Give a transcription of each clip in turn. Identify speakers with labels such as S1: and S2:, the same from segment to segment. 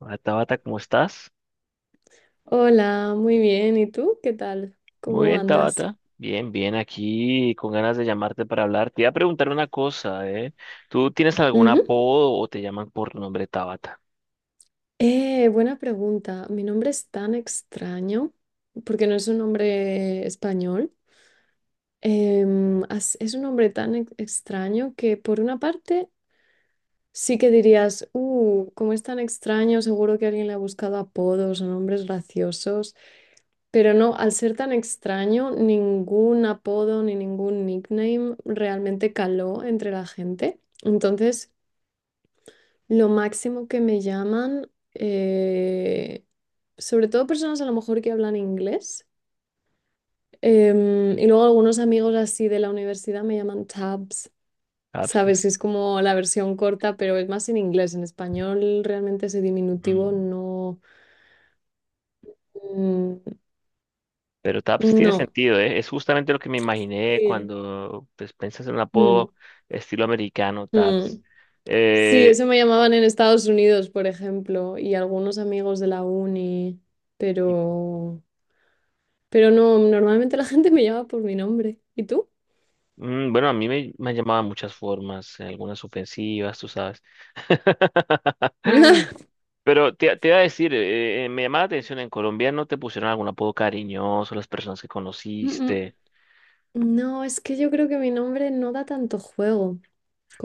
S1: Hola, Tabata, ¿cómo estás?
S2: Hola, muy bien. ¿Y tú? ¿Qué tal?
S1: Muy
S2: ¿Cómo
S1: bien,
S2: andas?
S1: Tabata. Bien, bien, aquí con ganas de llamarte para hablar. Te iba a preguntar una cosa, ¿eh? ¿Tú tienes algún
S2: Ujú.
S1: apodo o te llaman por tu nombre Tabata?
S2: Buena pregunta. Mi nombre es tan extraño porque no es un nombre español. Es un nombre tan extraño que, por una parte, sí que dirías, como es tan extraño, seguro que alguien le ha buscado apodos o nombres graciosos. Pero no, al ser tan extraño, ningún apodo ni ningún nickname realmente caló entre la gente. Entonces, lo máximo que me llaman, sobre todo personas a lo mejor que hablan inglés, y luego algunos amigos así de la universidad, me llaman tabs,
S1: Taps.
S2: ¿sabes? Es como la versión corta, pero es más en inglés. En español realmente ese diminutivo
S1: Mm,
S2: no. Mm,
S1: Pero Taps tiene
S2: no.
S1: sentido, ¿eh? Es justamente lo que me imaginé
S2: Sí.
S1: cuando pues, piensas en un
S2: Mm,
S1: apodo estilo americano, Taps.
S2: mm. Sí,
S1: Eh,
S2: eso me llamaban en Estados Unidos, por ejemplo, y algunos amigos de la uni,
S1: y-
S2: pero... Pero no, normalmente la gente me llama por mi nombre. ¿Y tú?
S1: bueno, a mí me han llamado de muchas formas, algunas ofensivas, tú sabes. Pero te iba a decir, me llamaba la atención, en Colombia no te pusieron algún apodo cariñoso las personas que
S2: Mm, mm.
S1: conociste,
S2: No, es que yo creo que mi nombre no da tanto juego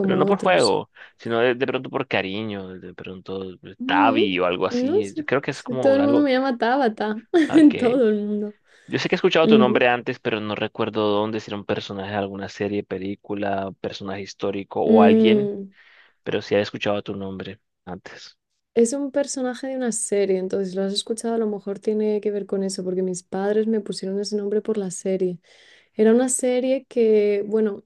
S1: pero no por
S2: otros.
S1: juego, sino de pronto por cariño, de pronto
S2: Mm.
S1: Tavi o algo
S2: No
S1: así.
S2: sé,
S1: Creo que es
S2: si
S1: como
S2: todo el mundo
S1: algo
S2: me llama Tabata,
S1: ah, que...
S2: todo el mundo.
S1: Yo sé que he escuchado tu
S2: Ujú.
S1: nombre antes, pero no recuerdo dónde, si era un personaje de alguna serie, película, personaje histórico o alguien,
S2: Mm.
S1: pero sí he escuchado tu nombre antes.
S2: Es un personaje de una serie, entonces si lo has escuchado, a lo mejor tiene que ver con eso, porque mis padres me pusieron ese nombre por la serie. Era una serie que, bueno,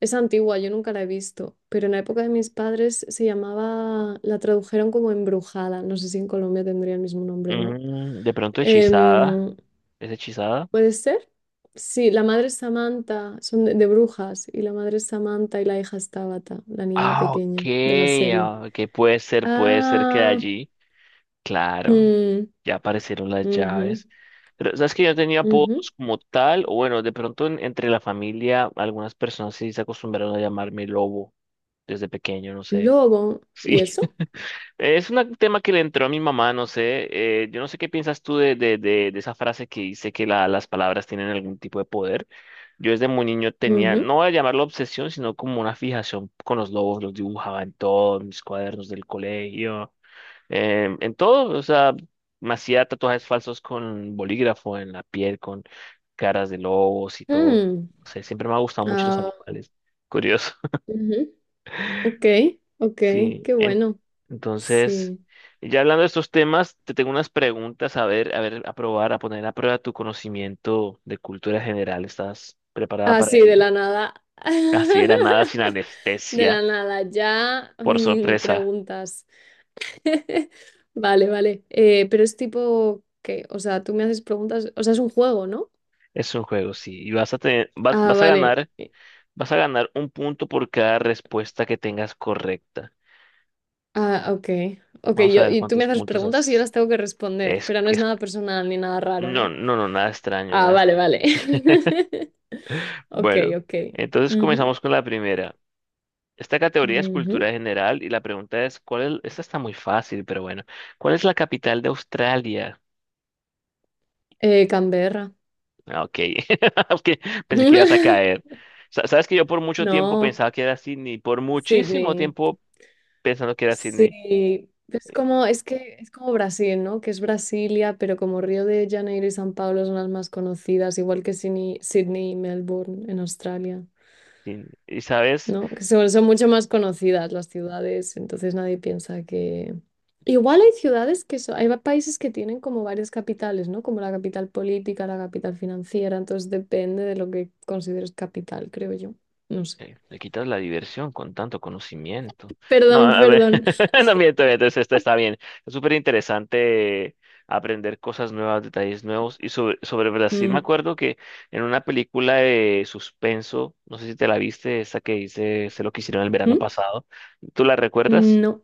S2: es antigua, yo nunca la he visto, pero en la época de mis padres se llamaba, la tradujeron como Embrujada, no sé si en Colombia tendría el mismo nombre o no.
S1: Mm, de pronto hechizada,
S2: Em,
S1: ¿es hechizada?
S2: ¿Puede ser? Sí, la madre es Samantha, son de brujas, y la madre es Samantha y la hija es Tabata, la niña
S1: Ah, ok,
S2: pequeña de la serie.
S1: ah, ok, puede ser que de
S2: Ah,
S1: allí, claro,
S2: mm,
S1: ya aparecieron las
S2: ujú,
S1: llaves. Pero sabes que yo tenía
S2: ujú.
S1: apodos como tal, o bueno, de pronto entre la familia, algunas personas sí se acostumbraron a llamarme Lobo desde pequeño, no sé.
S2: Luego, ¿y
S1: Sí,
S2: eso?
S1: es un tema que le entró a mi mamá, no sé. Yo no sé qué piensas tú de esa frase que dice que las palabras tienen algún tipo de poder. Yo desde muy niño tenía,
S2: Ujú,
S1: no voy a llamarlo obsesión, sino como una fijación con los lobos. Los dibujaba en todos mis cuadernos del colegio, en todo. O sea, me hacía tatuajes falsos con bolígrafo en la piel, con caras de lobos y todo.
S2: mm,
S1: O sea, siempre me ha gustado mucho los
S2: ah,
S1: animales. Curioso.
S2: ujú. Ok, ok,
S1: Sí.
S2: qué bueno.
S1: Entonces,
S2: Sí.
S1: ya hablando de estos temas, te tengo unas preguntas a ver, a ver, a probar, a poner a prueba tu conocimiento de cultura general. ¿Estás preparada
S2: Ah,
S1: para
S2: sí, de
S1: ello?
S2: la nada.
S1: Así era nada sin
S2: De
S1: anestesia,
S2: la nada, ya
S1: por sorpresa.
S2: preguntas. Vale, vale. Pero es tipo que, o sea, tú me haces preguntas, o sea, es un juego, ¿no?
S1: Es un juego, sí. Y vas a tener,
S2: Ah, vale.
S1: vas a ganar un punto por cada respuesta que tengas correcta.
S2: Ah, ok. Ok,
S1: Vamos a
S2: yo,
S1: ver
S2: y tú me
S1: cuántos
S2: haces
S1: puntos
S2: preguntas y yo
S1: haces.
S2: las tengo que responder,
S1: Es,
S2: pero no es
S1: es,
S2: nada personal ni nada raro,
S1: no,
S2: ¿no?
S1: no, no, nada extraño,
S2: Ah,
S1: nada
S2: vale,
S1: extraño.
S2: vale. Ok,
S1: Bueno,
S2: ok.
S1: entonces
S2: Ujú,
S1: comenzamos con la primera. Esta categoría es
S2: ujú.
S1: cultura general y la pregunta es, ¿cuál es? Esta está muy fácil, pero bueno. ¿Cuál es la capital de Australia?
S2: Canberra.
S1: Ah, ok, ok, pensé que ibas a caer. Sabes que yo por mucho tiempo
S2: No,
S1: pensaba que era Sydney, por muchísimo
S2: Sydney.
S1: tiempo pensando que era Sydney.
S2: Sí, es como, es que es como Brasil, ¿no? Que es Brasilia, pero como Río de Janeiro y San Pablo son las más conocidas, igual que Sydney, Sydney y Melbourne en Australia,
S1: Sydney. Y sabes,
S2: ¿no? Que son, son mucho más conocidas las ciudades, entonces nadie piensa que... Igual hay ciudades que son, hay países que tienen como varias capitales, ¿no? Como la capital política, la capital financiera, entonces depende de lo que consideres capital, creo yo. No sé.
S1: Le quitas la diversión con tanto conocimiento. No,
S2: Perdón,
S1: a ver,
S2: perdón.
S1: no miento, entonces esto está bien. Es súper interesante aprender cosas nuevas, detalles nuevos. Y sobre Brasil, me
S2: Mm.
S1: acuerdo que en una película de suspenso, no sé si te la viste, esa que hice, sé lo que hicieron el verano
S2: ¿Mm?
S1: pasado, ¿tú la recuerdas?
S2: No,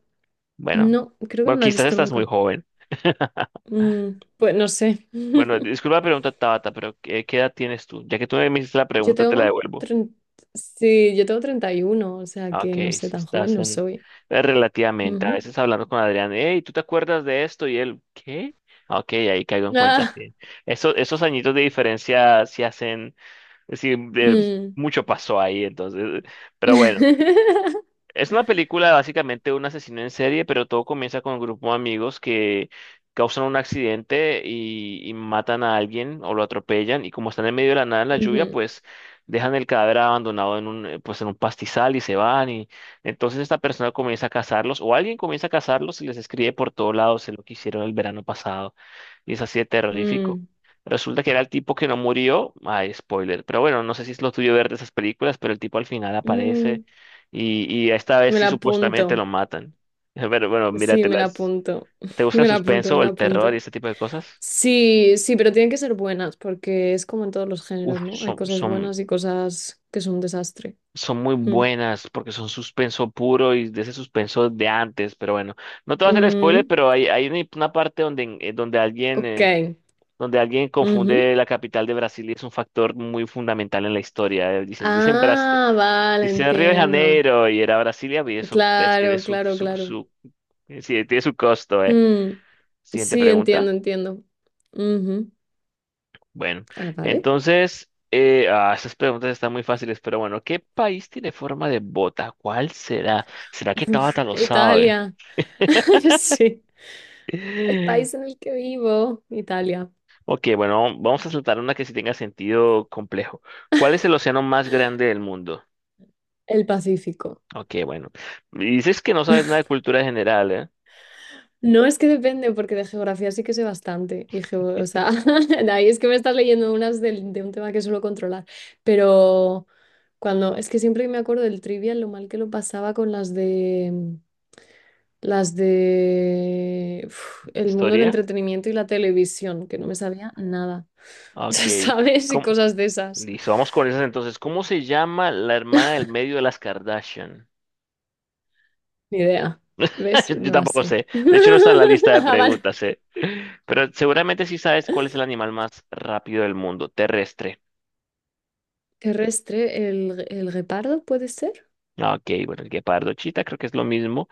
S1: Bueno,
S2: no, creo que
S1: bueno,
S2: no la he
S1: quizás
S2: visto
S1: estás muy
S2: nunca.
S1: joven.
S2: Mm, pues no sé.
S1: Bueno, disculpa la pregunta, Tabata, pero qué edad tienes tú? Ya que tú me hiciste la
S2: Yo
S1: pregunta, te la
S2: tengo
S1: devuelvo.
S2: tren- sí, yo tengo 31, o sea
S1: Ah, ok,
S2: que no sé,
S1: si
S2: tan joven
S1: estás
S2: no
S1: en...
S2: soy.
S1: Relativamente, a
S2: Ujú.
S1: veces hablando con Adrián, hey, ¿tú te acuerdas de esto? Y él, ¿qué? Ah, ok, ahí caigo en cuenta,
S2: Ah,
S1: sí. Esos añitos de diferencia sí hacen, sí,
S2: mm.
S1: mucho pasó ahí, entonces, pero bueno. Es una película básicamente de un asesino en serie, pero todo comienza con un grupo de amigos que causan un accidente y matan a alguien o lo atropellan y como están en medio de la nada en la lluvia,
S2: Ujú,
S1: pues dejan el cadáver abandonado en un, pues en un pastizal y se van y entonces esta persona comienza a cazarlos o alguien comienza a cazarlos y les escribe por todos lados de lo que hicieron el verano pasado y es así de terrorífico.
S2: mm,
S1: Resulta que era el tipo que no murió, ay, spoiler, pero bueno, no sé si es lo tuyo ver de esas películas, pero el tipo al final aparece
S2: mm.
S1: y esta vez
S2: Me
S1: sí
S2: la
S1: supuestamente
S2: apunto.
S1: lo matan. Pero bueno,
S2: Sí, me la
S1: míratelas.
S2: apunto.
S1: ¿Te gusta el
S2: Me la apunto, me
S1: suspenso o
S2: la
S1: el terror y
S2: apunto.
S1: este tipo de cosas?
S2: Sí, sí, pero tienen que ser buenas, porque es como en todos los
S1: Uf,
S2: géneros, ¿no? Hay cosas buenas y cosas que son un desastre.
S1: son muy
S2: Mm.
S1: buenas porque son suspenso puro y de ese suspenso de antes. Pero bueno, no te voy a hacer spoiler,
S2: Mm,
S1: pero hay una parte donde, donde
S2: ok.
S1: donde alguien
S2: Ujú.
S1: confunde la capital de Brasil y es un factor muy fundamental en la historia. Dicen,
S2: Ah, vale,
S1: dicen Río de
S2: entiendo.
S1: Janeiro y era Brasilia y eso pues, tiene
S2: Claro, claro, claro.
S1: su, sí, tiene su costo, ¿eh?
S2: Mm,
S1: Siguiente
S2: sí,
S1: pregunta.
S2: entiendo, entiendo. Ujú.
S1: Bueno,
S2: Ah, vale.
S1: entonces, esas preguntas están muy fáciles, pero bueno, ¿qué país tiene forma de bota? ¿Cuál será? ¿Será que Tabata
S2: Uf,
S1: lo sabe?
S2: Italia. Sí, el país en el que vivo, Italia,
S1: Ok, bueno, vamos a saltar una que sí tenga sentido complejo. ¿Cuál es el océano más grande del mundo?
S2: el Pacífico.
S1: Ok, bueno. Dices que no sabes nada de cultura general, ¿eh?
S2: No, es que depende, porque de geografía sí que sé bastante. Y o sea, de ahí es que me estás leyendo unas de un tema que suelo controlar. Pero cuando, es que siempre que me acuerdo del trivial, lo mal que lo pasaba con las de uf, el mundo del
S1: ¿Historia?
S2: entretenimiento y la televisión, que no me sabía nada.
S1: Ok.
S2: ¿Sabes? Y
S1: ¿Cómo?
S2: cosas de esas.
S1: Listo, vamos con esas entonces. ¿Cómo se llama la hermana del medio de las Kardashian?
S2: Ni idea. ¿Ves?
S1: Yo
S2: No las
S1: tampoco
S2: sé.
S1: sé. De hecho, no está en la lista de
S2: Ah, vale.
S1: preguntas, ¿eh? Pero seguramente sí sabes cuál es el animal más rápido del mundo, terrestre.
S2: Terrestre, el guepardo, ¿puede ser?
S1: Ah, ok, bueno, el guepardo, chita, creo que es lo mismo.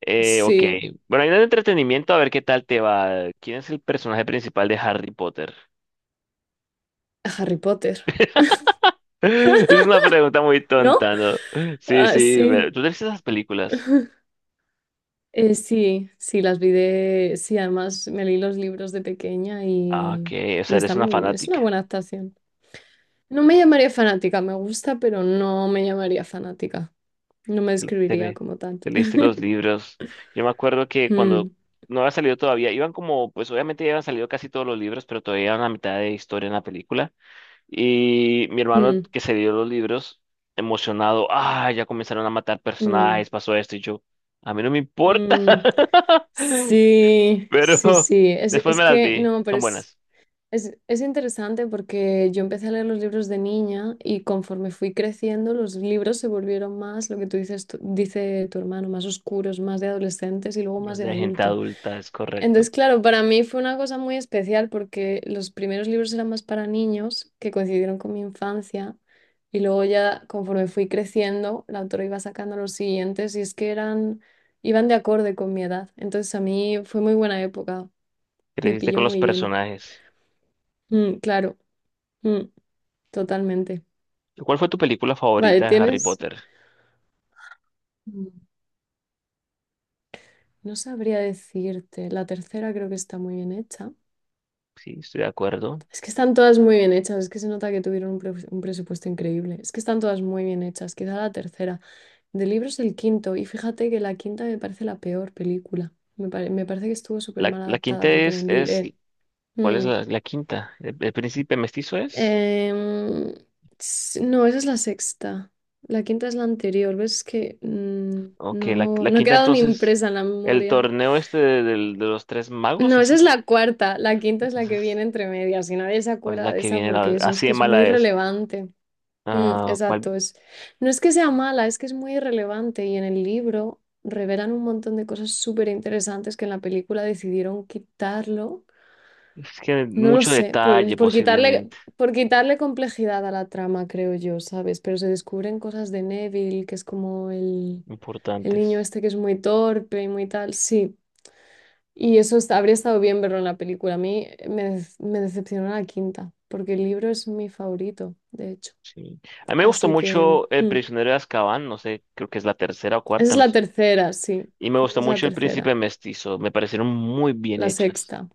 S1: Ok,
S2: Sí.
S1: bueno, hay un entretenimiento, a ver qué tal te va. ¿Quién es el personaje principal de Harry Potter?
S2: A Harry Potter.
S1: Es una pregunta muy
S2: ¿No?
S1: tonta, ¿no? Sí,
S2: Ah,
S1: sí,
S2: sí.
S1: tú ves esas películas.
S2: Sí, sí, las vi de... Sí, además me leí los libros de pequeña
S1: Ah, ok, o
S2: y
S1: sea,
S2: está,
S1: eres una
S2: es una
S1: fanática.
S2: buena adaptación. No me llamaría fanática, me gusta, pero no me llamaría fanática. No me
S1: Te,
S2: describiría
S1: le-
S2: como tal.
S1: Te leíste los libros. Yo me acuerdo que cuando
S2: Mm,
S1: no había salido todavía, iban como, pues obviamente ya habían salido casi todos los libros, pero todavía iban a mitad de historia en la película. Y mi hermano
S2: mm,
S1: que se dio los libros, emocionado, ah, ya comenzaron a matar
S2: mm,
S1: personajes, pasó esto, y yo, a mí no me importa.
S2: mm. Sí, sí,
S1: Pero
S2: sí.
S1: después
S2: Es
S1: me las
S2: que
S1: vi,
S2: no, pero
S1: son
S2: es...
S1: buenas.
S2: Es interesante porque yo empecé a leer los libros de niña y, conforme fui creciendo, los libros se volvieron más, lo que tú dices, dice tu hermano, más oscuros, más de adolescentes y luego más
S1: Más
S2: de
S1: de gente
S2: adulto.
S1: adulta, es correcto.
S2: Entonces, claro, para mí fue una cosa muy especial porque los primeros libros eran más para niños, que coincidieron con mi infancia, y luego ya conforme fui creciendo, la autora iba sacando los siguientes y es que eran, iban de acorde con mi edad. Entonces, a mí fue muy buena época, me
S1: Creciste
S2: pilló
S1: con los
S2: muy bien.
S1: personajes.
S2: Mm, claro. Mm. Totalmente.
S1: ¿Cuál fue tu película
S2: Vale,
S1: favorita de Harry
S2: tienes,
S1: Potter?
S2: mm, no sabría decirte, la tercera creo que está muy bien hecha.
S1: Sí, estoy de acuerdo.
S2: Es que están todas muy bien hechas, es que se nota que tuvieron un, un presupuesto increíble. Es que están todas muy bien hechas, quizá la tercera. De libros el quinto, y fíjate que la quinta me parece la peor película. Me parece que estuvo súper
S1: La,
S2: mal
S1: la quinta
S2: adaptada porque en
S1: es,
S2: el...
S1: es, ¿cuál es
S2: mm,
S1: la quinta? El príncipe mestizo es?
S2: em, no, esa es la sexta. La quinta es la anterior, ¿ves? Es que mm,
S1: Ok,
S2: no,
S1: la
S2: no ha
S1: quinta
S2: quedado ni
S1: entonces,
S2: impresa en la
S1: el
S2: memoria.
S1: torneo este de los tres magos,
S2: No,
S1: ¿eso
S2: esa
S1: es?
S2: es
S1: ¿ese?
S2: la cuarta. La quinta es la que
S1: Entonces,
S2: viene entre medias y nadie se
S1: ¿cuál es
S2: acuerda
S1: la
S2: de
S1: que
S2: esa
S1: viene?
S2: porque eso es
S1: Así
S2: que
S1: de
S2: es muy
S1: mala es.
S2: relevante. Mm,
S1: Ah, ¿cuál?
S2: exacto. Es, no es que sea mala, es que es muy relevante y en el libro revelan un montón de cosas súper interesantes que en la película decidieron quitarlo.
S1: Es que
S2: No lo
S1: mucho
S2: sé,
S1: detalle posiblemente,
S2: por quitarle complejidad a la trama, creo yo, ¿sabes? Pero se descubren cosas de Neville, que es como el niño
S1: importantes.
S2: este que es muy torpe y muy tal. Sí. Y eso habría estado bien verlo en la película. A mí me, me decepcionó la quinta, porque el libro es mi favorito, de hecho.
S1: Sí. A mí me gustó
S2: Así que
S1: mucho El
S2: mm,
S1: prisionero de Azkaban, no sé, creo que es la tercera o
S2: esa
S1: cuarta,
S2: es
S1: no
S2: la
S1: sé.
S2: tercera, sí.
S1: Y me
S2: Esa
S1: gustó
S2: es la
S1: mucho El
S2: tercera.
S1: príncipe mestizo, me parecieron muy bien
S2: La
S1: hechas.
S2: sexta,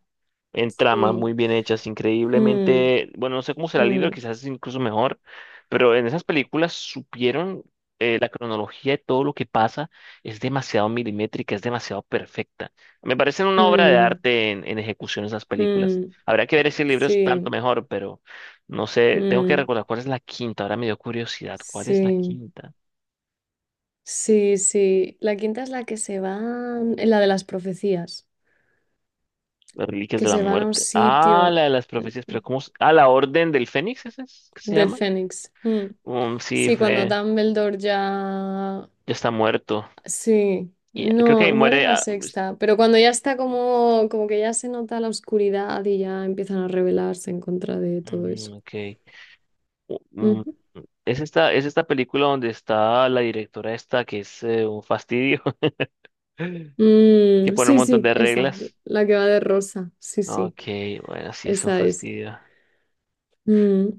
S1: En tramas muy
S2: sí.
S1: bien hechas,
S2: Mm,
S1: increíblemente, bueno, no sé cómo será el libro,
S2: mm,
S1: quizás es incluso mejor, pero en esas películas supieron la cronología de todo lo que pasa, es demasiado milimétrica, es demasiado perfecta. Me parecen una obra de
S2: mm,
S1: arte en ejecución esas películas.
S2: mm,
S1: Habrá que ver si el libro es tanto
S2: sí.
S1: mejor, pero no sé, tengo que
S2: Mm,
S1: recordar cuál es la quinta, ahora me dio curiosidad, ¿cuál es la
S2: sí.
S1: quinta?
S2: Sí, sí. La quinta es la que se van, la de las profecías,
S1: Las Reliquias
S2: que
S1: de la
S2: se van a un
S1: Muerte. Ah, la
S2: sitio
S1: de las profecías,
S2: mm,
S1: pero ¿cómo? Ah, la Orden del Fénix, ¿esa es? ¿Qué se
S2: del
S1: llama?
S2: Fénix. Mm.
S1: Sí,
S2: Sí, cuando
S1: fue.
S2: Dumbledore ya...
S1: Ya está muerto.
S2: Sí,
S1: Y creo que
S2: no,
S1: ahí
S2: muere en
S1: muere.
S2: la
S1: Ah, pues,
S2: sexta, pero cuando ya está como, como que ya se nota la oscuridad y ya empiezan a rebelarse en contra de todo eso.
S1: mm, ok. U- mm,
S2: Ujú.
S1: Es esta película donde está la directora esta, que es un fastidio, que
S2: Mm,
S1: pone un
S2: sí,
S1: montón
S2: sí,
S1: de
S2: esa,
S1: reglas.
S2: la que va de rosa, sí, sí,
S1: Ok, bueno, sí es un
S2: esa es.
S1: fastidio.
S2: Mm,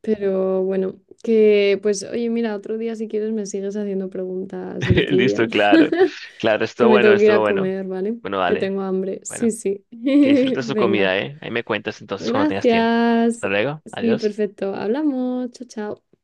S2: pero bueno, que pues oye, mira, otro día si quieres me sigues haciendo preguntas del
S1: Listo,
S2: trivial,
S1: claro. Claro,
S2: que
S1: estuvo
S2: me
S1: bueno,
S2: tengo que ir
S1: estuvo
S2: a
S1: bueno.
S2: comer, ¿vale?
S1: Bueno,
S2: Que
S1: vale.
S2: tengo hambre, sí,
S1: Bueno,
S2: sí,
S1: que disfrutes tu
S2: venga.
S1: comida, ¿eh? Ahí me cuentas entonces cuando tengas tiempo. Hasta
S2: Gracias.
S1: luego,
S2: Sí,
S1: adiós.
S2: perfecto. Hablamos. Chao, chao.